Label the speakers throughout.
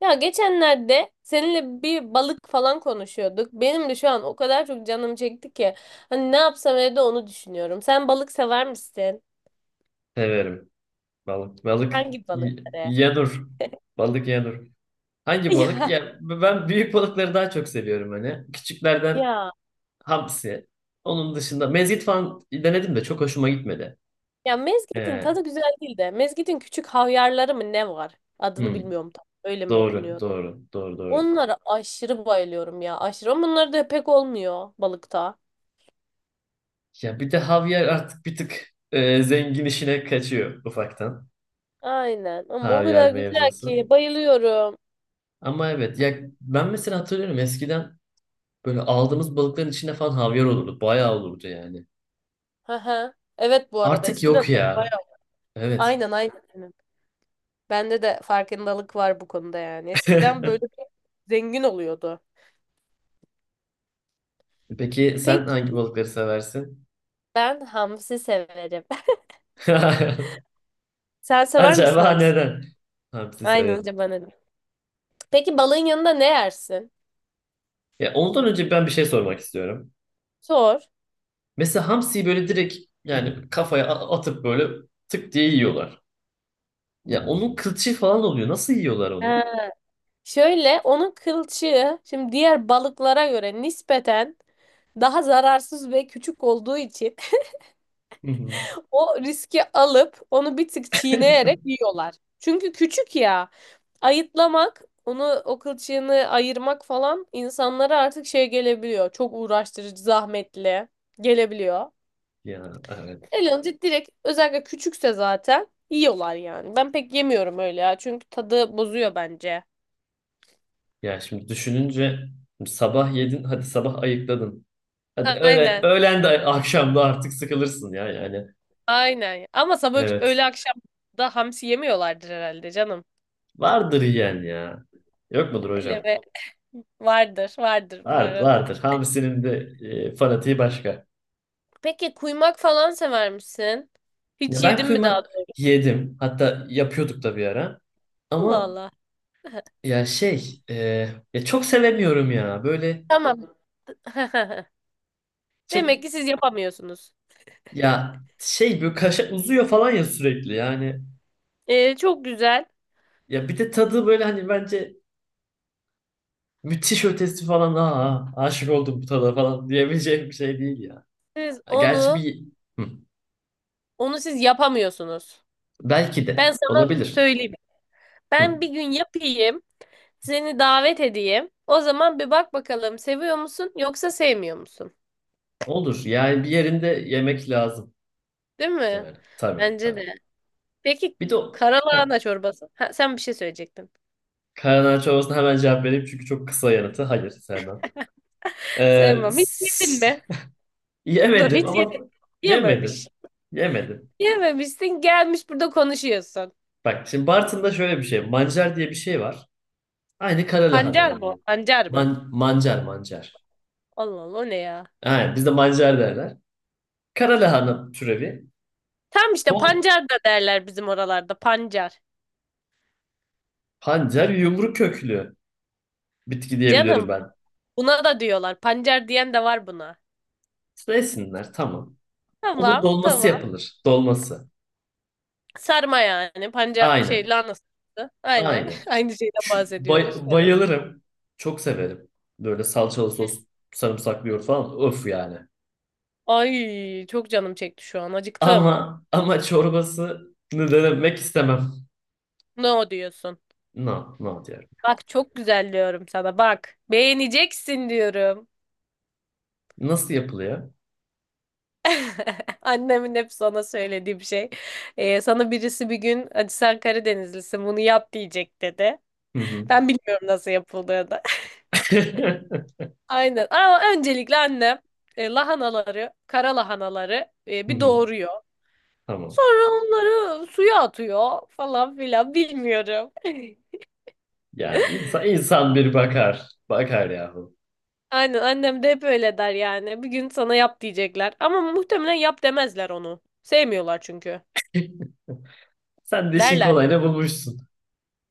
Speaker 1: Ya geçenlerde seninle bir balık falan konuşuyorduk. Benim de şu an o kadar çok canım çekti ki. Hani ne yapsam evde onu düşünüyorum. Sen balık sever misin?
Speaker 2: Severim balık. Balık
Speaker 1: Hangi
Speaker 2: y-
Speaker 1: balıkları?
Speaker 2: yanur. Balık yanur. Hangi balık?
Speaker 1: Ya
Speaker 2: Ya ben büyük balıkları daha çok seviyorum hani. Küçüklerden
Speaker 1: ya
Speaker 2: hamsi. Onun dışında mezgit falan denedim de çok hoşuma gitmedi.
Speaker 1: ya mezgitin
Speaker 2: Ee,
Speaker 1: tadı güzel değil de mezgitin küçük havyarları mı ne var? Adını
Speaker 2: hmm,
Speaker 1: bilmiyorum tam. Öyle mi
Speaker 2: doğru,
Speaker 1: okunuyordu?
Speaker 2: doğru, doğru, doğru.
Speaker 1: Onlara aşırı bayılıyorum ya aşırı. Ama bunlar da pek olmuyor balıkta.
Speaker 2: Ya bir de havyar artık bir tık zengin işine kaçıyor ufaktan.
Speaker 1: Aynen ama o
Speaker 2: Havyar
Speaker 1: kadar güzel
Speaker 2: mevzusu.
Speaker 1: ki bayılıyorum.
Speaker 2: Ama evet ya ben mesela hatırlıyorum eskiden böyle aldığımız balıkların içinde falan havyar olurdu. Bayağı olurdu yani.
Speaker 1: Hı hı. Evet bu arada
Speaker 2: Artık
Speaker 1: eskiden
Speaker 2: yok ya.
Speaker 1: bayağı.
Speaker 2: Evet.
Speaker 1: Aynen aynen. Bende de farkındalık var bu konuda yani. Eskiden böyle zengin oluyordu.
Speaker 2: Peki sen
Speaker 1: Peki
Speaker 2: hangi balıkları seversin?
Speaker 1: ben hamsi severim. Sen sever misin
Speaker 2: Acaba
Speaker 1: hamsi?
Speaker 2: neden? Hamsi
Speaker 1: Aynen
Speaker 2: severim.
Speaker 1: önce bana. De. Peki balığın yanında ne yersin?
Speaker 2: Ya ondan önce ben bir şey sormak istiyorum.
Speaker 1: Sor.
Speaker 2: Mesela hamsiyi böyle direkt yani kafaya atıp böyle tık diye yiyorlar. Ya onun kılçığı falan oluyor. Nasıl yiyorlar onu?
Speaker 1: Ha, şöyle onun kılçığı şimdi diğer balıklara göre nispeten daha zararsız ve küçük olduğu için
Speaker 2: Hı hı.
Speaker 1: o riski alıp onu bir tık çiğneyerek yiyorlar. Çünkü küçük ya. Ayıtlamak, onu o kılçığını ayırmak falan insanlara artık şey gelebiliyor. Çok uğraştırıcı, zahmetli gelebiliyor.
Speaker 2: Ya evet.
Speaker 1: Elanca direkt özellikle küçükse zaten yiyorlar yani. Ben pek yemiyorum öyle ya. Çünkü tadı bozuyor bence.
Speaker 2: Ya şimdi düşününce şimdi sabah yedin, hadi sabah ayıkladın. Hadi öğlen,
Speaker 1: Aynen.
Speaker 2: öğlen de akşam da artık sıkılırsın ya yani.
Speaker 1: Aynen. Ama sabah
Speaker 2: Evet.
Speaker 1: öğle akşam da hamsi yemiyorlardır herhalde canım.
Speaker 2: Vardır yiyen ya. Yok mudur
Speaker 1: Öyle
Speaker 2: hocam?
Speaker 1: mi? Vardır, vardır bu
Speaker 2: Vardır,
Speaker 1: arada.
Speaker 2: vardır. Hamsinin de fanatiği başka.
Speaker 1: Peki kuymak falan sever misin?
Speaker 2: Ya
Speaker 1: Hiç
Speaker 2: ben
Speaker 1: yedin mi daha?
Speaker 2: kıyma yedim. Hatta yapıyorduk da bir ara.
Speaker 1: Allah
Speaker 2: Ama
Speaker 1: Allah.
Speaker 2: ya şey, ya çok sevemiyorum ya. Böyle
Speaker 1: Tamam.
Speaker 2: çok
Speaker 1: Demek ki siz yapamıyorsunuz.
Speaker 2: ya şey böyle kaşa uzuyor falan ya sürekli. Yani
Speaker 1: Çok güzel.
Speaker 2: ya bir de tadı böyle hani bence müthiş ötesi falan. Aa, aşık oldum bu tada falan diyebileceğim bir şey değil ya.
Speaker 1: Siz
Speaker 2: Ha, Gerçi
Speaker 1: onu
Speaker 2: bir hı.
Speaker 1: onu siz yapamıyorsunuz.
Speaker 2: Belki de
Speaker 1: Ben sana
Speaker 2: olabilir.
Speaker 1: söyleyeyim.
Speaker 2: Hı.
Speaker 1: Ben bir gün yapayım. Seni davet edeyim. O zaman bir bak bakalım seviyor musun yoksa sevmiyor musun?
Speaker 2: Olur. Yani bir yerinde yemek lazım.
Speaker 1: Değil mi?
Speaker 2: Yani tabii,
Speaker 1: Bence
Speaker 2: tabii.
Speaker 1: de. Peki
Speaker 2: Ha,
Speaker 1: karalahana çorbası. Ha, sen bir şey söyleyecektin.
Speaker 2: Karanağaç sorusuna hemen cevap vereyim çünkü çok kısa yanıtı. Hayır sevmem. Ee,
Speaker 1: Sevmem. Hiç yedin
Speaker 2: s-
Speaker 1: mi? Dur
Speaker 2: yemedim
Speaker 1: hiç
Speaker 2: ama
Speaker 1: yedin. Yememiş.
Speaker 2: yemedim. Yemedim.
Speaker 1: Yememişsin gelmiş burada konuşuyorsun.
Speaker 2: Bak şimdi Bartın'da şöyle bir şey. Mancar diye bir şey var. Aynı kara lahana
Speaker 1: Pancar mı? O?
Speaker 2: yani.
Speaker 1: Pancar mı?
Speaker 2: Mancar mancar.
Speaker 1: Allah Allah o ne ya?
Speaker 2: Aynen bizde mancar derler. Kara lahana türevi.
Speaker 1: Tam işte
Speaker 2: Don,
Speaker 1: pancar da derler bizim oralarda pancar.
Speaker 2: pancar yumru köklü bitki diyebiliyorum
Speaker 1: Canım
Speaker 2: ben.
Speaker 1: buna da diyorlar. Pancar diyen de var buna.
Speaker 2: Neysinler tamam. Onun
Speaker 1: Tamam
Speaker 2: dolması
Speaker 1: tamam.
Speaker 2: yapılır. Dolması.
Speaker 1: Sarma yani. Pancar şey
Speaker 2: Aynen.
Speaker 1: lahana sarması. Aynen.
Speaker 2: Aynen.
Speaker 1: Aynı şeyden bahsediyoruz. Evet.
Speaker 2: Bayılırım. Çok severim. Böyle salçalı sos, sarımsaklı yoğurt falan. Öf yani.
Speaker 1: Ay çok canım çekti şu an. Acıktım.
Speaker 2: Ama çorbasını denemek istemem.
Speaker 1: Ne o diyorsun?
Speaker 2: No, no diyorum.
Speaker 1: Bak çok güzel diyorum sana. Bak beğeneceksin diyorum.
Speaker 2: Nasıl yapılıyor?
Speaker 1: Annemin hep sana söylediği bir şey. Sana birisi bir gün hadi sen Karadenizlisin bunu yap diyecek dedi.
Speaker 2: Hı hı.
Speaker 1: Ben bilmiyorum nasıl yapıldığını. Aynen. Ama öncelikle annem lahanaları, kara lahanaları
Speaker 2: Hı
Speaker 1: bir
Speaker 2: hı.
Speaker 1: doğuruyor.
Speaker 2: Tamam.
Speaker 1: Sonra onları suya atıyor falan filan bilmiyorum.
Speaker 2: Ya insan bir bakar. Bakar yahu.
Speaker 1: Aynen annem de hep öyle der yani. Bir gün sana yap diyecekler. Ama muhtemelen yap demezler onu. Sevmiyorlar çünkü.
Speaker 2: Sen de işin
Speaker 1: Derler.
Speaker 2: kolayını bulmuşsun.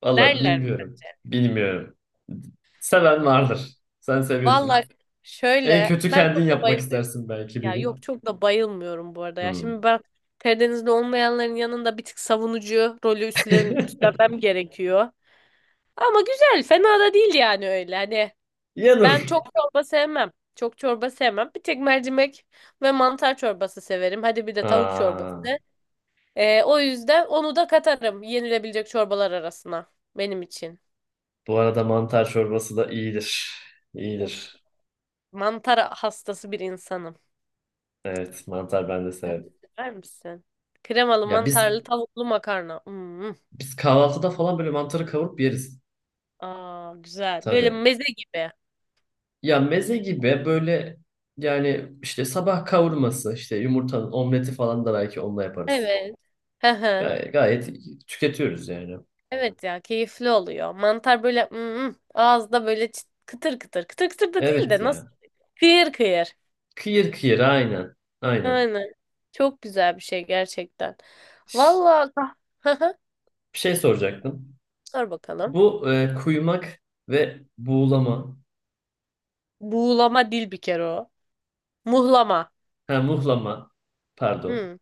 Speaker 2: Valla
Speaker 1: Derler mi?
Speaker 2: bilmiyorum. Bilmiyorum. Seven vardır. Sen
Speaker 1: Vallahi
Speaker 2: seviyorsun. En
Speaker 1: şöyle
Speaker 2: kötü
Speaker 1: ben
Speaker 2: kendin
Speaker 1: çok da
Speaker 2: yapmak
Speaker 1: bayılmıyorum.
Speaker 2: istersin belki bir
Speaker 1: Ya yok
Speaker 2: gün.
Speaker 1: çok da bayılmıyorum bu arada. Ya
Speaker 2: Hı.
Speaker 1: şimdi ben Karadenizli olmayanların yanında bir tık savunucu rolü üstlenmem gerekiyor. Ama güzel, fena da değil yani öyle. Hani ben
Speaker 2: Yanır.
Speaker 1: çok çorba sevmem. Çok çorba sevmem. Bir tek mercimek ve mantar çorbası severim. Hadi bir de tavuk
Speaker 2: Aa,
Speaker 1: çorbası. O yüzden onu da katarım yenilebilecek çorbalar arasına benim için.
Speaker 2: bu arada mantar çorbası da iyidir.
Speaker 1: Of,
Speaker 2: İyidir.
Speaker 1: mantar hastası bir insanım.
Speaker 2: Evet, mantar ben de
Speaker 1: Sen de
Speaker 2: severim.
Speaker 1: sever misin? Kremalı,
Speaker 2: Ya biz
Speaker 1: mantarlı, tavuklu makarna. Hmm.
Speaker 2: biz kahvaltıda falan böyle mantarı kavurup yeriz
Speaker 1: Aa, güzel. Böyle
Speaker 2: tabii.
Speaker 1: meze gibi.
Speaker 2: Ya meze gibi böyle yani işte sabah kavurması, işte yumurtanın omleti falan da belki onunla yaparız.
Speaker 1: Evet. Hı hı.
Speaker 2: Gayet, tüketiyoruz yani.
Speaker 1: Evet ya keyifli oluyor. Mantar böyle ağızda böyle kıtır kıtır. Kıtır kıtır da değil
Speaker 2: Evet
Speaker 1: de nasıl?
Speaker 2: ya.
Speaker 1: Kıyır kıyır.
Speaker 2: Kıyır kıyır aynen. Aynen.
Speaker 1: Aynen. Çok güzel bir şey gerçekten.
Speaker 2: Ş-
Speaker 1: Vallahi. Hı hı.
Speaker 2: Bir şey soracaktım.
Speaker 1: Dur bakalım.
Speaker 2: Bu kuymak ve buğulama,
Speaker 1: Buğulama değil bir kere o. Muhlama.
Speaker 2: ha, muhlama pardon.
Speaker 1: Hmm.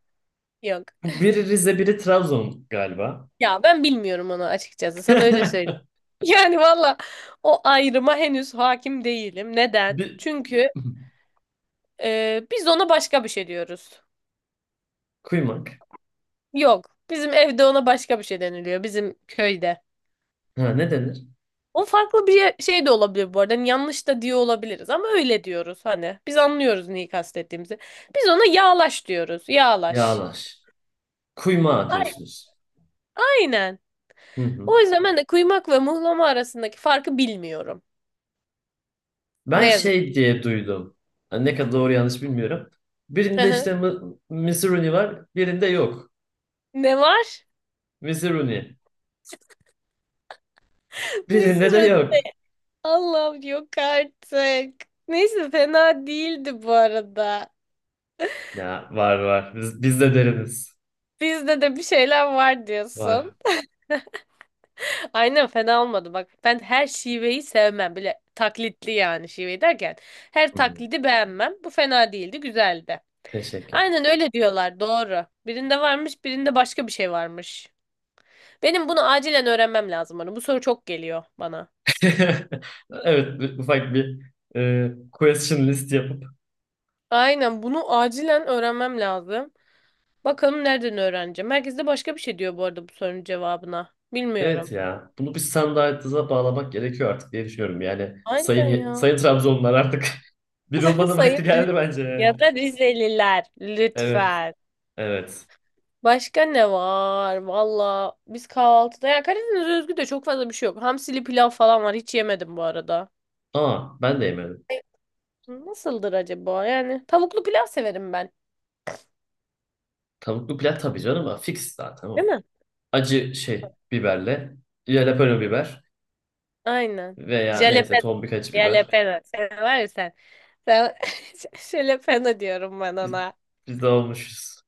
Speaker 1: Yok.
Speaker 2: Bu biri Rize, biri Trabzon galiba.
Speaker 1: Ya ben bilmiyorum onu açıkçası. Sana öyle söyleyeyim. Yani valla o ayrıma henüz hakim değilim. Neden?
Speaker 2: Bir...
Speaker 1: Çünkü biz ona başka bir şey diyoruz.
Speaker 2: Kuymak.
Speaker 1: Yok. Bizim evde ona başka bir şey deniliyor. Bizim köyde.
Speaker 2: Ha, ne denir?
Speaker 1: O farklı bir şey de olabilir bu arada. Hani yanlış da diyor olabiliriz ama öyle diyoruz hani. Biz anlıyoruz neyi kastettiğimizi. Biz ona yağlaş diyoruz. Yağlaş.
Speaker 2: Yağlaş. Kuyma
Speaker 1: Ay-
Speaker 2: atıyorsunuz.
Speaker 1: Aynen.
Speaker 2: Hı hı.
Speaker 1: O yüzden ben de kuymak ve muhlama arasındaki farkı bilmiyorum. Ne
Speaker 2: Ben
Speaker 1: yazık.
Speaker 2: şey diye duydum. Ha, ne kadar doğru yanlış bilmiyorum.
Speaker 1: Hı
Speaker 2: Birinde
Speaker 1: hı.
Speaker 2: işte Misiruni var, birinde yok.
Speaker 1: Ne var?
Speaker 2: Misiruni.
Speaker 1: Bir
Speaker 2: Birinde de
Speaker 1: sürü
Speaker 2: yok.
Speaker 1: Allah'ım yok artık. Neyse fena değildi bu arada.
Speaker 2: Ya var, var. Biz de deriniz.
Speaker 1: Bizde de bir şeyler var diyorsun.
Speaker 2: Var.
Speaker 1: Aynen fena olmadı bak. Ben her şiveyi sevmem. Bile taklitli yani şive derken. Her
Speaker 2: Hı hı.
Speaker 1: taklidi beğenmem. Bu fena değildi, güzeldi.
Speaker 2: Teşekkür.
Speaker 1: Aynen öyle diyorlar, doğru. Birinde varmış, birinde başka bir şey varmış. Benim bunu acilen öğrenmem lazım bana. Bu soru çok geliyor bana.
Speaker 2: Evet, ufak bir question list.
Speaker 1: Aynen bunu acilen öğrenmem lazım. Bakalım nereden öğreneceğim. Herkes de başka bir şey diyor bu arada bu sorunun cevabına.
Speaker 2: Evet
Speaker 1: Bilmiyorum.
Speaker 2: ya. Bunu bir standartıza bağlamak gerekiyor artık diye düşünüyorum. Yani
Speaker 1: Aynen
Speaker 2: sayın,
Speaker 1: ya.
Speaker 2: sayın Trabzonlular artık bir olmanın
Speaker 1: Sayın
Speaker 2: vakti geldi bence yani.
Speaker 1: Ya da Rizeliler
Speaker 2: Evet.
Speaker 1: lütfen.
Speaker 2: Evet.
Speaker 1: Başka ne var? Valla biz kahvaltıda ya Karadeniz özgü de çok fazla bir şey yok. Hamsili pilav falan var. Hiç yemedim bu arada.
Speaker 2: Aa, ben de yemedim.
Speaker 1: Nasıldır acaba? Yani tavuklu pilav severim ben.
Speaker 2: Tavuklu pilav tabii canım, ama fix zaten
Speaker 1: Değil
Speaker 2: o.
Speaker 1: mi?
Speaker 2: Acı şey biberle jalapeno biber
Speaker 1: Aynen.
Speaker 2: veya neyse
Speaker 1: Jalapeno.
Speaker 2: tombik acı biber.
Speaker 1: Jalapeno. Sen var ya sen. Sen jalapeno diyorum ben
Speaker 2: Biz,
Speaker 1: ona.
Speaker 2: biz de olmuşuz.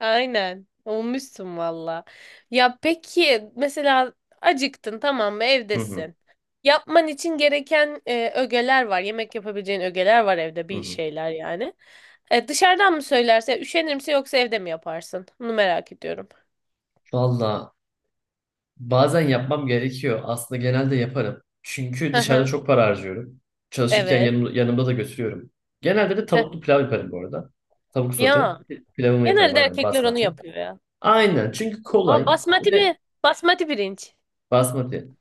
Speaker 1: Aynen. Olmuşsun valla. Ya peki mesela acıktın tamam mı
Speaker 2: Hı hı,
Speaker 1: evdesin. Yapman için gereken ögeler var. Yemek yapabileceğin ögeler var evde
Speaker 2: hı
Speaker 1: bir
Speaker 2: hı.
Speaker 1: şeyler yani. Dışarıdan mı söylerse üşenir misin yoksa evde mi yaparsın? Bunu merak ediyorum.
Speaker 2: Valla bazen yapmam gerekiyor. Aslında genelde yaparım. Çünkü
Speaker 1: Hı
Speaker 2: dışarıda
Speaker 1: hı.
Speaker 2: çok para harcıyorum. Çalışırken
Speaker 1: Evet.
Speaker 2: yanımda da götürüyorum. Genelde de
Speaker 1: Heh.
Speaker 2: tavuklu pilav yaparım bu arada. Tavuk sote.
Speaker 1: Ya
Speaker 2: Pilavımı yaparım
Speaker 1: genelde
Speaker 2: aynen
Speaker 1: erkekler onu
Speaker 2: basmati.
Speaker 1: yapıyor ya.
Speaker 2: Aynen çünkü
Speaker 1: Aa,
Speaker 2: kolay
Speaker 1: basmati, bir
Speaker 2: ve
Speaker 1: basmati pirinç.
Speaker 2: basmati.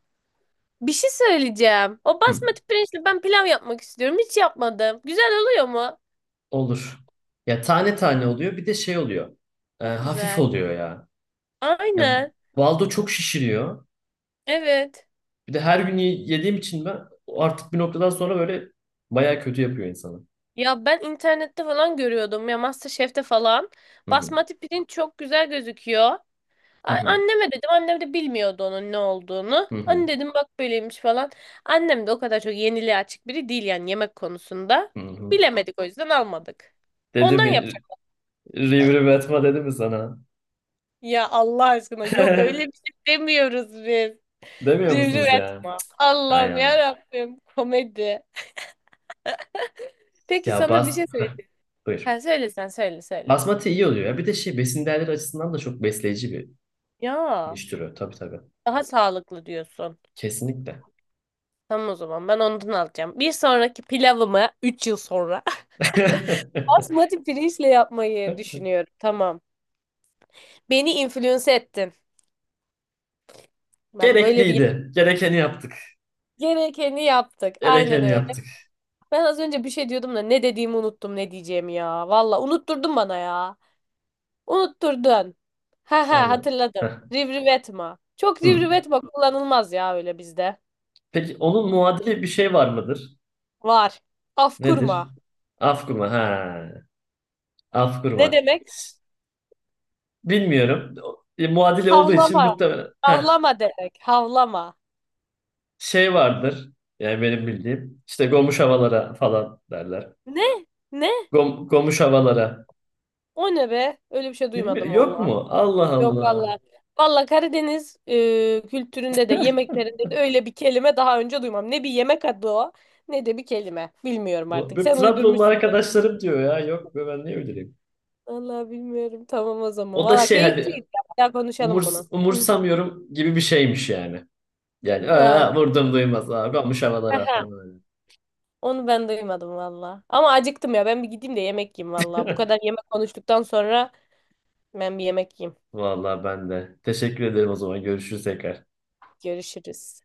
Speaker 1: Bir şey söyleyeceğim. O
Speaker 2: Hı,
Speaker 1: basmati pirinçle ben pilav yapmak istiyorum. Hiç yapmadım. Güzel oluyor mu?
Speaker 2: olur. Ya tane tane oluyor, bir de şey oluyor.
Speaker 1: Çok
Speaker 2: Hafif
Speaker 1: güzel.
Speaker 2: oluyor ya. Ya
Speaker 1: Aynen.
Speaker 2: baldo çok şişiriyor.
Speaker 1: Evet.
Speaker 2: Bir de her gün yediğim için ben artık bir noktadan sonra böyle baya kötü yapıyor insanı.
Speaker 1: Ya ben internette falan görüyordum ya MasterChef'te falan.
Speaker 2: Hı hı,
Speaker 1: Basmati pirinç çok güzel gözüküyor.
Speaker 2: hı hı,
Speaker 1: Anneme dedim. Annem de bilmiyordu onun ne olduğunu.
Speaker 2: hı
Speaker 1: Anne
Speaker 2: hı,
Speaker 1: dedim bak böyleymiş falan. Annem de o kadar çok yeniliğe açık biri değil yani yemek konusunda.
Speaker 2: hı hı.
Speaker 1: Bilemedik o yüzden almadık.
Speaker 2: Dedi
Speaker 1: Ondan
Speaker 2: mi?
Speaker 1: yapacak.
Speaker 2: Rivri Batma dedi mi sana?
Speaker 1: Ya Allah aşkına yok öyle bir şey demiyoruz biz.
Speaker 2: Demiyor
Speaker 1: Rivriv
Speaker 2: musunuz ya?
Speaker 1: etme.
Speaker 2: Hay
Speaker 1: Allah'ım
Speaker 2: Allah.
Speaker 1: ya Rabbim komedi. Peki
Speaker 2: Ya
Speaker 1: sana bir
Speaker 2: bas...
Speaker 1: şey söyleyeyim.
Speaker 2: Buyur.
Speaker 1: Ha, söyle sen söyle söyle.
Speaker 2: Basmati iyi oluyor ya. Bir de şey, besin değerleri açısından da çok besleyici bir
Speaker 1: Ya.
Speaker 2: güneş türü. Tabii, tabii.
Speaker 1: Daha sağlıklı diyorsun.
Speaker 2: Kesinlikle.
Speaker 1: Tamam o zaman ben ondan alacağım. Bir sonraki pilavımı 3 yıl sonra basmati pirinçle yapmayı düşünüyorum. Tamam. Beni influence ettin. Bak böyle bir
Speaker 2: Gerekliydi. Gerekeni yaptık.
Speaker 1: gerekeni yaptık. Aynen
Speaker 2: Gerekeni
Speaker 1: öyle.
Speaker 2: yaptık.
Speaker 1: Ben az önce bir şey diyordum da ne dediğimi unuttum ne diyeceğimi ya. Valla unutturdun bana ya. Unutturdun. Ha ha
Speaker 2: Vallahi.
Speaker 1: hatırladım.
Speaker 2: Heh.
Speaker 1: Rivriv etme. Çok rivriv
Speaker 2: Hmm.
Speaker 1: etme kullanılmaz ya öyle bizde.
Speaker 2: Peki onun muadili bir şey var mıdır?
Speaker 1: Var. Af
Speaker 2: Nedir?
Speaker 1: kurma.
Speaker 2: Afkurma. Ha. Afkurma.
Speaker 1: Ne demek?
Speaker 2: Bilmiyorum. Muadili olduğu için
Speaker 1: Havlama.
Speaker 2: muhtemelen. Heh.
Speaker 1: Havlama demek. Havlama.
Speaker 2: Şey vardır. Yani benim bildiğim. İşte gomuş havalara falan derler.
Speaker 1: Ne? Ne?
Speaker 2: Gomuş havalara.
Speaker 1: O ne be? Öyle bir şey
Speaker 2: Bilmiyorum,
Speaker 1: duymadım
Speaker 2: yok
Speaker 1: valla.
Speaker 2: mu? Allah
Speaker 1: Yok
Speaker 2: Allah.
Speaker 1: valla. Valla Karadeniz kültüründe de yemeklerinde de öyle bir kelime daha önce duymam. Ne bir yemek adı o ne de bir kelime. Bilmiyorum artık.
Speaker 2: Benim
Speaker 1: Sen
Speaker 2: Trabzonlu
Speaker 1: uydurmuşsun belli.
Speaker 2: arkadaşlarım diyor ya. Yok be, ben ne bileyim.
Speaker 1: Valla bilmiyorum. Tamam o zaman.
Speaker 2: O da
Speaker 1: Valla
Speaker 2: şey, hani
Speaker 1: keyifliydi. Bir daha konuşalım bunu. Hı.
Speaker 2: umursamıyorum gibi bir şeymiş yani. Yani
Speaker 1: Allah
Speaker 2: "Aa,
Speaker 1: Allah.
Speaker 2: vurdum duymaz. Aa, gomuş havalara"
Speaker 1: Aha.
Speaker 2: falan öyle.
Speaker 1: Onu ben duymadım valla. Ama acıktım ya. Ben bir gideyim de yemek yiyeyim valla. Bu kadar yemek konuştuktan sonra ben bir yemek yiyeyim.
Speaker 2: Vallahi ben de. Teşekkür ederim o zaman. Görüşürüz tekrar.
Speaker 1: Görüşürüz.